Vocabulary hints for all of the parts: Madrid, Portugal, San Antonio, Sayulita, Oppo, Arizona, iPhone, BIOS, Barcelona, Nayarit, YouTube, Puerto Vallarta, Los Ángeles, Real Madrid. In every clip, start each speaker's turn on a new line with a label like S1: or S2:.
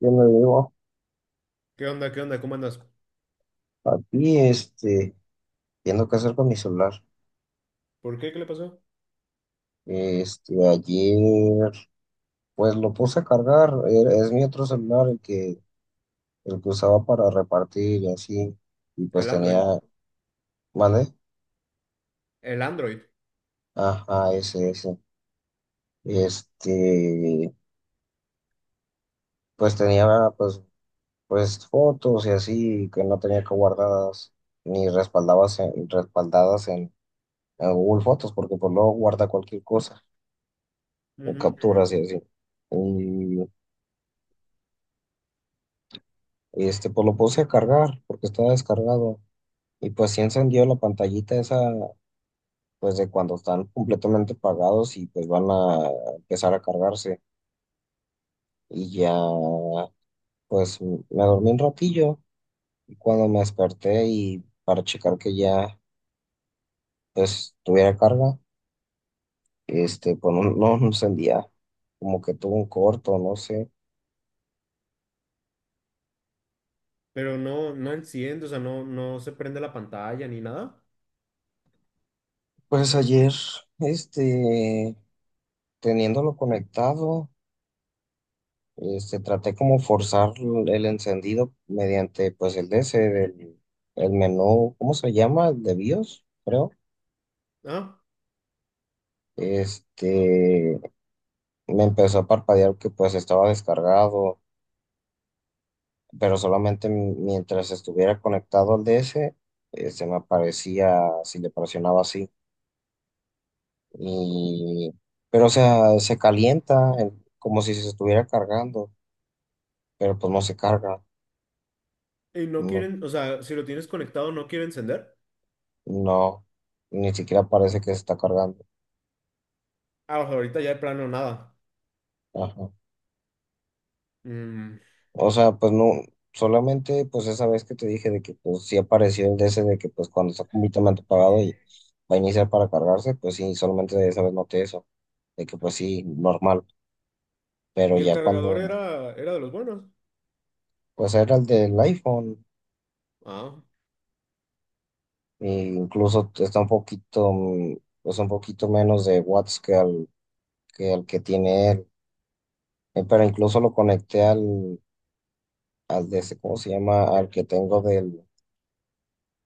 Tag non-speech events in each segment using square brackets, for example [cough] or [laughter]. S1: Yo me digo
S2: ¿Qué onda? ¿Qué onda? ¿Cómo andas?
S1: aquí, viendo qué hacer con mi celular.
S2: ¿Por qué? ¿Qué le pasó?
S1: Ayer, pues lo puse a cargar, es mi otro celular el que usaba para repartir y así, y
S2: El Android.
S1: ¿vale?
S2: El Android.
S1: Ajá, ese, ese. Este, pues pues, pues fotos y así, que no tenía que guardadas, ni respaldadas en Google Fotos, porque pues luego guarda cualquier cosa, en
S2: Ujú.
S1: capturas y así. y pues lo puse a cargar porque estaba descargado y pues sí encendió la pantallita esa, pues de cuando están completamente pagados y pues van a empezar a cargarse. Y ya, pues me dormí un ratillo y cuando me desperté y para checar que ya, pues tuviera carga, pues no encendía, como que tuvo un corto, no sé.
S2: Pero no, enciende, o sea, no se prende la pantalla ni nada.
S1: Pues ayer, este, teniéndolo conectado. Traté como forzar el encendido mediante pues el DS del el menú, ¿cómo se llama? De BIOS, creo.
S2: Ah,
S1: Este, Me empezó a parpadear que pues estaba descargado, pero solamente mientras estuviera conectado al DS, me aparecía si le presionaba así. Y, pero o sea, se calienta como si se estuviera cargando, pero pues no se carga.
S2: y no
S1: No,
S2: quieren, o sea, si lo tienes conectado, no quiere encender.
S1: no, ni siquiera parece que se está cargando.
S2: Ah, o sea, ahorita ya de plano nada.
S1: Ajá.
S2: Mm,
S1: O sea, pues no, solamente pues esa vez que te dije de que pues sí apareció el DC de que pues cuando está completamente apagado y va a iniciar para cargarse, pues sí, solamente de esa vez noté eso, de que pues sí, normal, pero
S2: y el
S1: ya
S2: cargador
S1: cuando
S2: era, era de los buenos.
S1: pues era el del iPhone,
S2: Ah,
S1: e incluso está un poquito, pues un poquito menos de watts que al que tiene él. Pero incluso lo conecté al DC, ¿cómo se llama? Al que tengo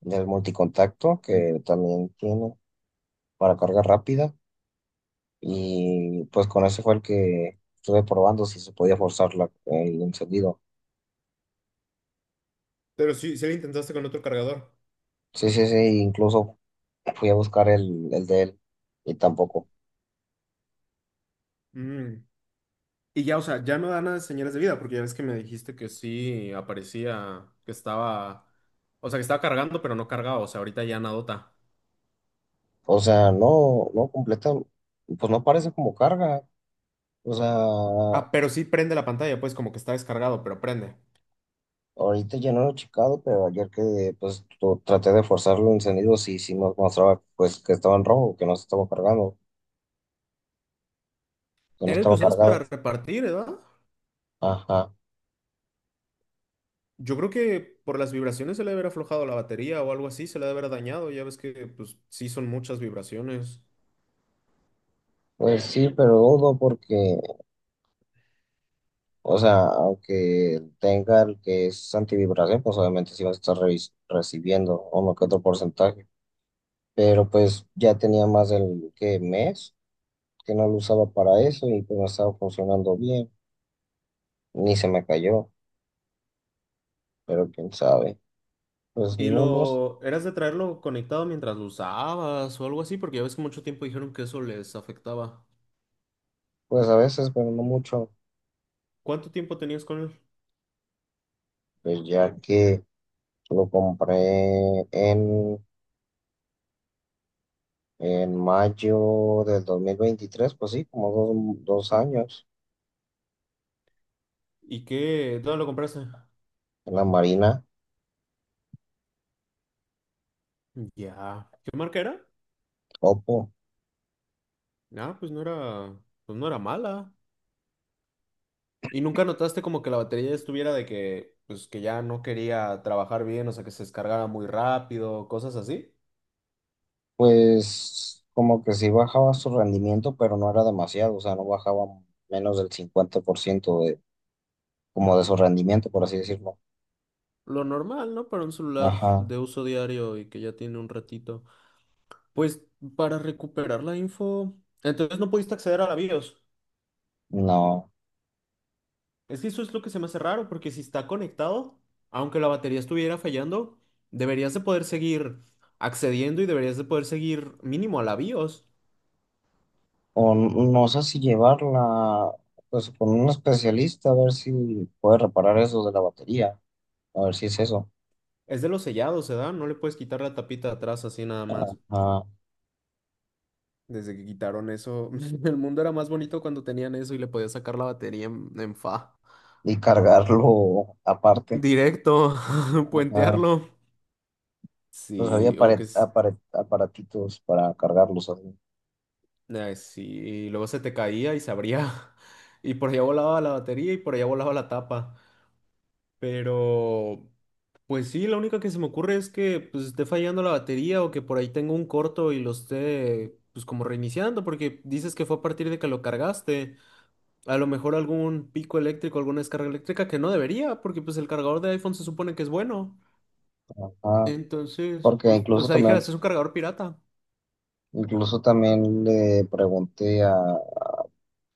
S1: del multicontacto, que también tiene para carga rápida. Y pues con ese fue el que estuve probando si se podía forzar el encendido.
S2: pero sí, sí lo intentaste con otro cargador.
S1: Sí, incluso fui a buscar el de él y tampoco.
S2: Mm. Y ya, o sea, ya no da nada de señales de vida, porque ya ves que me dijiste que sí aparecía, que estaba, o sea, que estaba cargando, pero no cargado, o sea, ahorita ya nada.
S1: O sea, no, no completa, pues no parece como carga. O sea,
S2: Ah, pero sí prende la pantalla, pues como que está descargado, pero prende.
S1: ahorita ya no lo he checado, pero ayer que pues traté de forzarlo el encendido, sí, sí nos mostraba pues que estaba en rojo, que no se estaba cargando, que no
S2: Era el que
S1: estaba
S2: usabas para
S1: cargado.
S2: repartir, ¿verdad?
S1: Ajá.
S2: Yo creo que por las vibraciones se le debe haber aflojado la batería o algo así, se le debe haber dañado. Ya ves que, pues, sí son muchas vibraciones.
S1: Pues sí, pero dudo porque o sea, aunque tenga el que es antivibración, pues obviamente sí va a estar recibiendo uno que otro porcentaje. Pero pues ya tenía más del que mes que no lo usaba para eso y pues no estaba funcionando bien. Ni se me cayó, pero quién sabe. Pues
S2: Y
S1: no, no,
S2: lo eras de traerlo conectado mientras lo usabas o algo así, porque ya ves que mucho tiempo dijeron que eso les afectaba.
S1: pues a veces, pero no mucho.
S2: ¿Cuánto tiempo tenías con él?
S1: Pues ya que lo compré en mayo del 2023, pues sí, como dos, dos años
S2: ¿Y qué? ¿Dónde lo compraste?
S1: en la Marina.
S2: Ya. ¿Qué marca era?
S1: Oppo.
S2: Ah, pues no era mala. ¿Y nunca notaste como que la batería estuviera de que, pues que ya no quería trabajar bien, o sea, que se descargara muy rápido, cosas así?
S1: Pues como que sí bajaba su rendimiento, pero no era demasiado, o sea, no bajaba menos del 50% de, como de su rendimiento, por así decirlo.
S2: Lo normal, ¿no? Para un celular
S1: Ajá,
S2: de uso diario y que ya tiene un ratito. Pues para recuperar la info, entonces no pudiste acceder a la BIOS.
S1: no.
S2: Es que eso es lo que se me hace raro, porque si está conectado, aunque la batería estuviera fallando, deberías de poder seguir accediendo y deberías de poder seguir mínimo a la BIOS.
S1: O no sé si llevarla, pues con un especialista, a ver si puede reparar eso de la batería, a ver si es eso.
S2: Es de los sellados, ¿se da? No le puedes quitar la tapita de atrás así nada más.
S1: Ajá,
S2: Desde que quitaron eso, [laughs] el mundo era más bonito cuando tenían eso y le podías sacar la batería en fa.
S1: y cargarlo aparte.
S2: Directo, [laughs]
S1: Ajá,
S2: puentearlo.
S1: pues había
S2: Sí, o que es-
S1: aparatitos para cargarlos así.
S2: ay, sí, y luego se te caía y se abría. [laughs] Y por allá volaba la batería y por allá volaba la tapa. Pero, pues sí, la única que se me ocurre es que pues, esté fallando la batería o que por ahí tengo un corto y lo esté, pues como reiniciando, porque dices que fue a partir de que lo cargaste. A lo mejor algún pico eléctrico, alguna descarga eléctrica que no debería, porque pues el cargador de iPhone se supone que es bueno.
S1: Ajá,
S2: Entonces,
S1: porque
S2: pues, o
S1: incluso
S2: sea,
S1: también
S2: dijeras, es un cargador pirata.
S1: incluso también le pregunté a,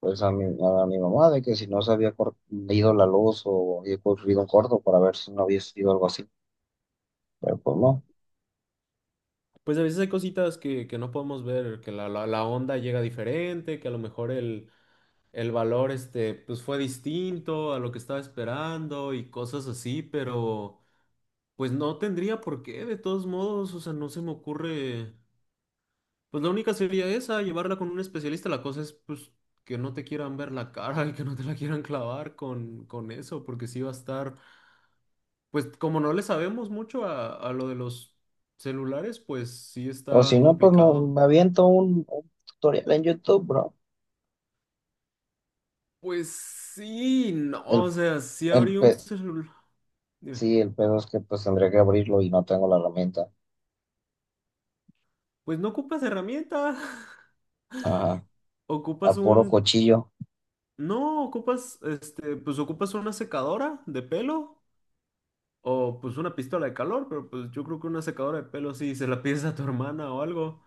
S1: pues a mi mamá de que si no se había ido la luz o había ocurrido un corto para ver si no había sido algo así, pero pues no.
S2: Pues a veces hay cositas que no podemos ver, que la onda llega diferente, que a lo mejor el valor este, pues fue distinto a lo que estaba esperando y cosas así, pero pues no tendría por qué, de todos modos, o sea, no se me ocurre. Pues la única sería esa, llevarla con un especialista. La cosa es, pues, que no te quieran ver la cara y que no te la quieran clavar con eso, porque sí va a estar, pues, como no le sabemos mucho a lo de los celulares, pues sí
S1: O si
S2: está
S1: no, pues no,
S2: complicado.
S1: me aviento un tutorial en YouTube, bro.
S2: Pues sí, no, o
S1: El,
S2: sea, sí
S1: el
S2: abrí un
S1: pe-
S2: celular.
S1: sí, el pedo es que pues tendría que abrirlo y no tengo la herramienta.
S2: Pues no ocupas herramienta, [laughs]
S1: Ajá.
S2: ocupas
S1: A puro
S2: un...
S1: cuchillo,
S2: No, ocupas, este, pues ocupas una secadora de pelo. O pues una pistola de calor, pero pues yo creo que una secadora de pelo sí, se la pides a tu hermana o algo.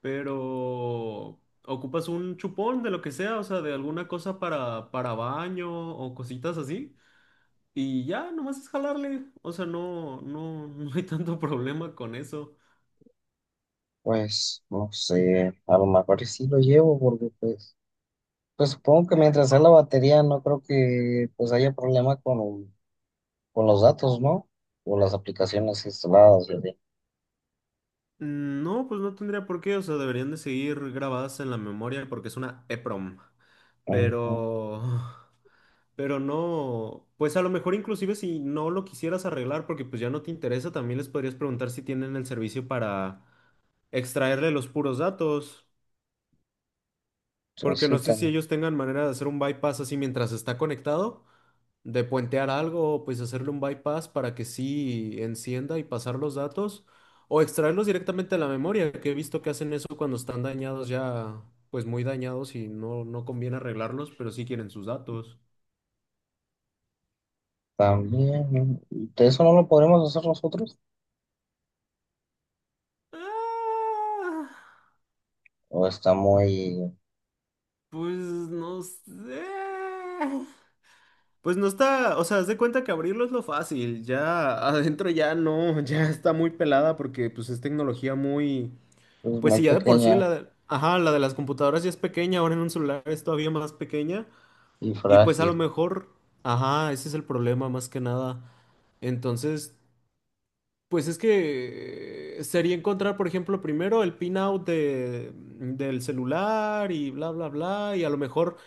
S2: Pero ocupas un chupón de lo que sea, o sea, de alguna cosa para baño o cositas así. Y ya, nomás es jalarle. O sea, [laughs] no hay tanto problema con eso.
S1: pues no sé, a lo mejor y sí lo llevo porque pues, pues supongo que mientras sea la batería no creo que pues haya problema con... Con los datos, ¿no? O las aplicaciones instaladas, y así.
S2: Mm, no, pues no tendría por qué, o sea, deberían de seguir grabadas en la memoria porque es una EPROM.
S1: Ujú.
S2: Pero, [laughs] pero no, pues a lo mejor inclusive si no lo quisieras arreglar porque pues ya no te interesa, también les podrías preguntar si tienen el servicio para extraerle los puros datos,
S1: Pues
S2: porque
S1: sí,
S2: no sé si
S1: tam-
S2: ellos tengan manera de hacer un bypass así mientras está conectado, de puentear algo, pues hacerle un bypass para que sí encienda y pasar los datos, o extraerlos directamente de la memoria, que he visto que hacen eso cuando están dañados ya, pues muy dañados y no conviene arreglarlos, pero sí quieren sus datos.
S1: también. ¿De eso no lo podremos hacer nosotros?
S2: Ah,
S1: ¿O está muy,
S2: pues no sé. Pues no está, o sea, haz de cuenta que abrirlo es lo fácil, ya adentro ya no, [laughs] ya está muy pelada porque pues es tecnología muy...
S1: pues,
S2: Pues
S1: muy
S2: sí, ya de por sí
S1: pequeña
S2: la de, ajá, la de las computadoras ya es pequeña, ahora en un celular es todavía más pequeña
S1: y
S2: y pues a
S1: frágil?
S2: lo mejor, ajá, ese es el problema más que nada. Entonces, pues es que sería encontrar, por ejemplo, primero el pin out del celular y bla, bla, bla, y a lo mejor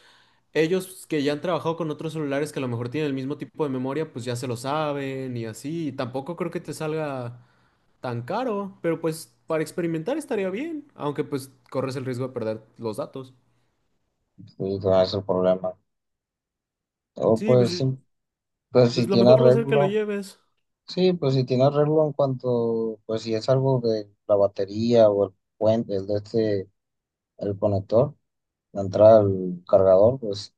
S2: ellos que ya han trabajado con otros celulares que a lo mejor tienen el mismo tipo de memoria, pues ya se lo saben y así, y tampoco creo que te salga tan caro, pero pues para experimentar estaría bien, aunque pues corres el riesgo de perder los datos.
S1: Sí, no es el problema. O
S2: Sí, pues,
S1: pues,
S2: yo-
S1: sí, pues si
S2: pues lo
S1: tiene
S2: mejor va a ser que lo
S1: arreglo.
S2: lleves.
S1: Sí, pues si tiene arreglo en cuanto, pues si es algo de la batería o el puente, el de este, el conector, la entrada al cargador, pues,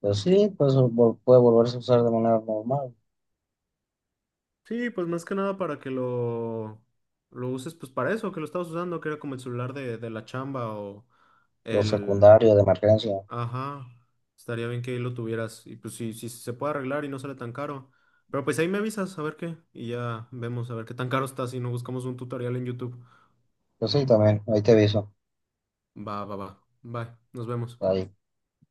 S1: pues sí, pues puede volverse a usar de manera normal.
S2: Sí, pues más que nada para que lo uses pues para eso, que lo estabas usando, que era como el celular de la chamba o
S1: Los
S2: el...
S1: secundarios de emergencia.
S2: Ajá, estaría bien que ahí lo tuvieras y pues si si se puede arreglar y no sale tan caro. Pero pues ahí me avisas a ver qué y ya vemos a ver qué tan caro está si no buscamos un tutorial en YouTube.
S1: Pues sí, también, ahí te aviso.
S2: Va, va, va. Bye, nos vemos.
S1: Ahí.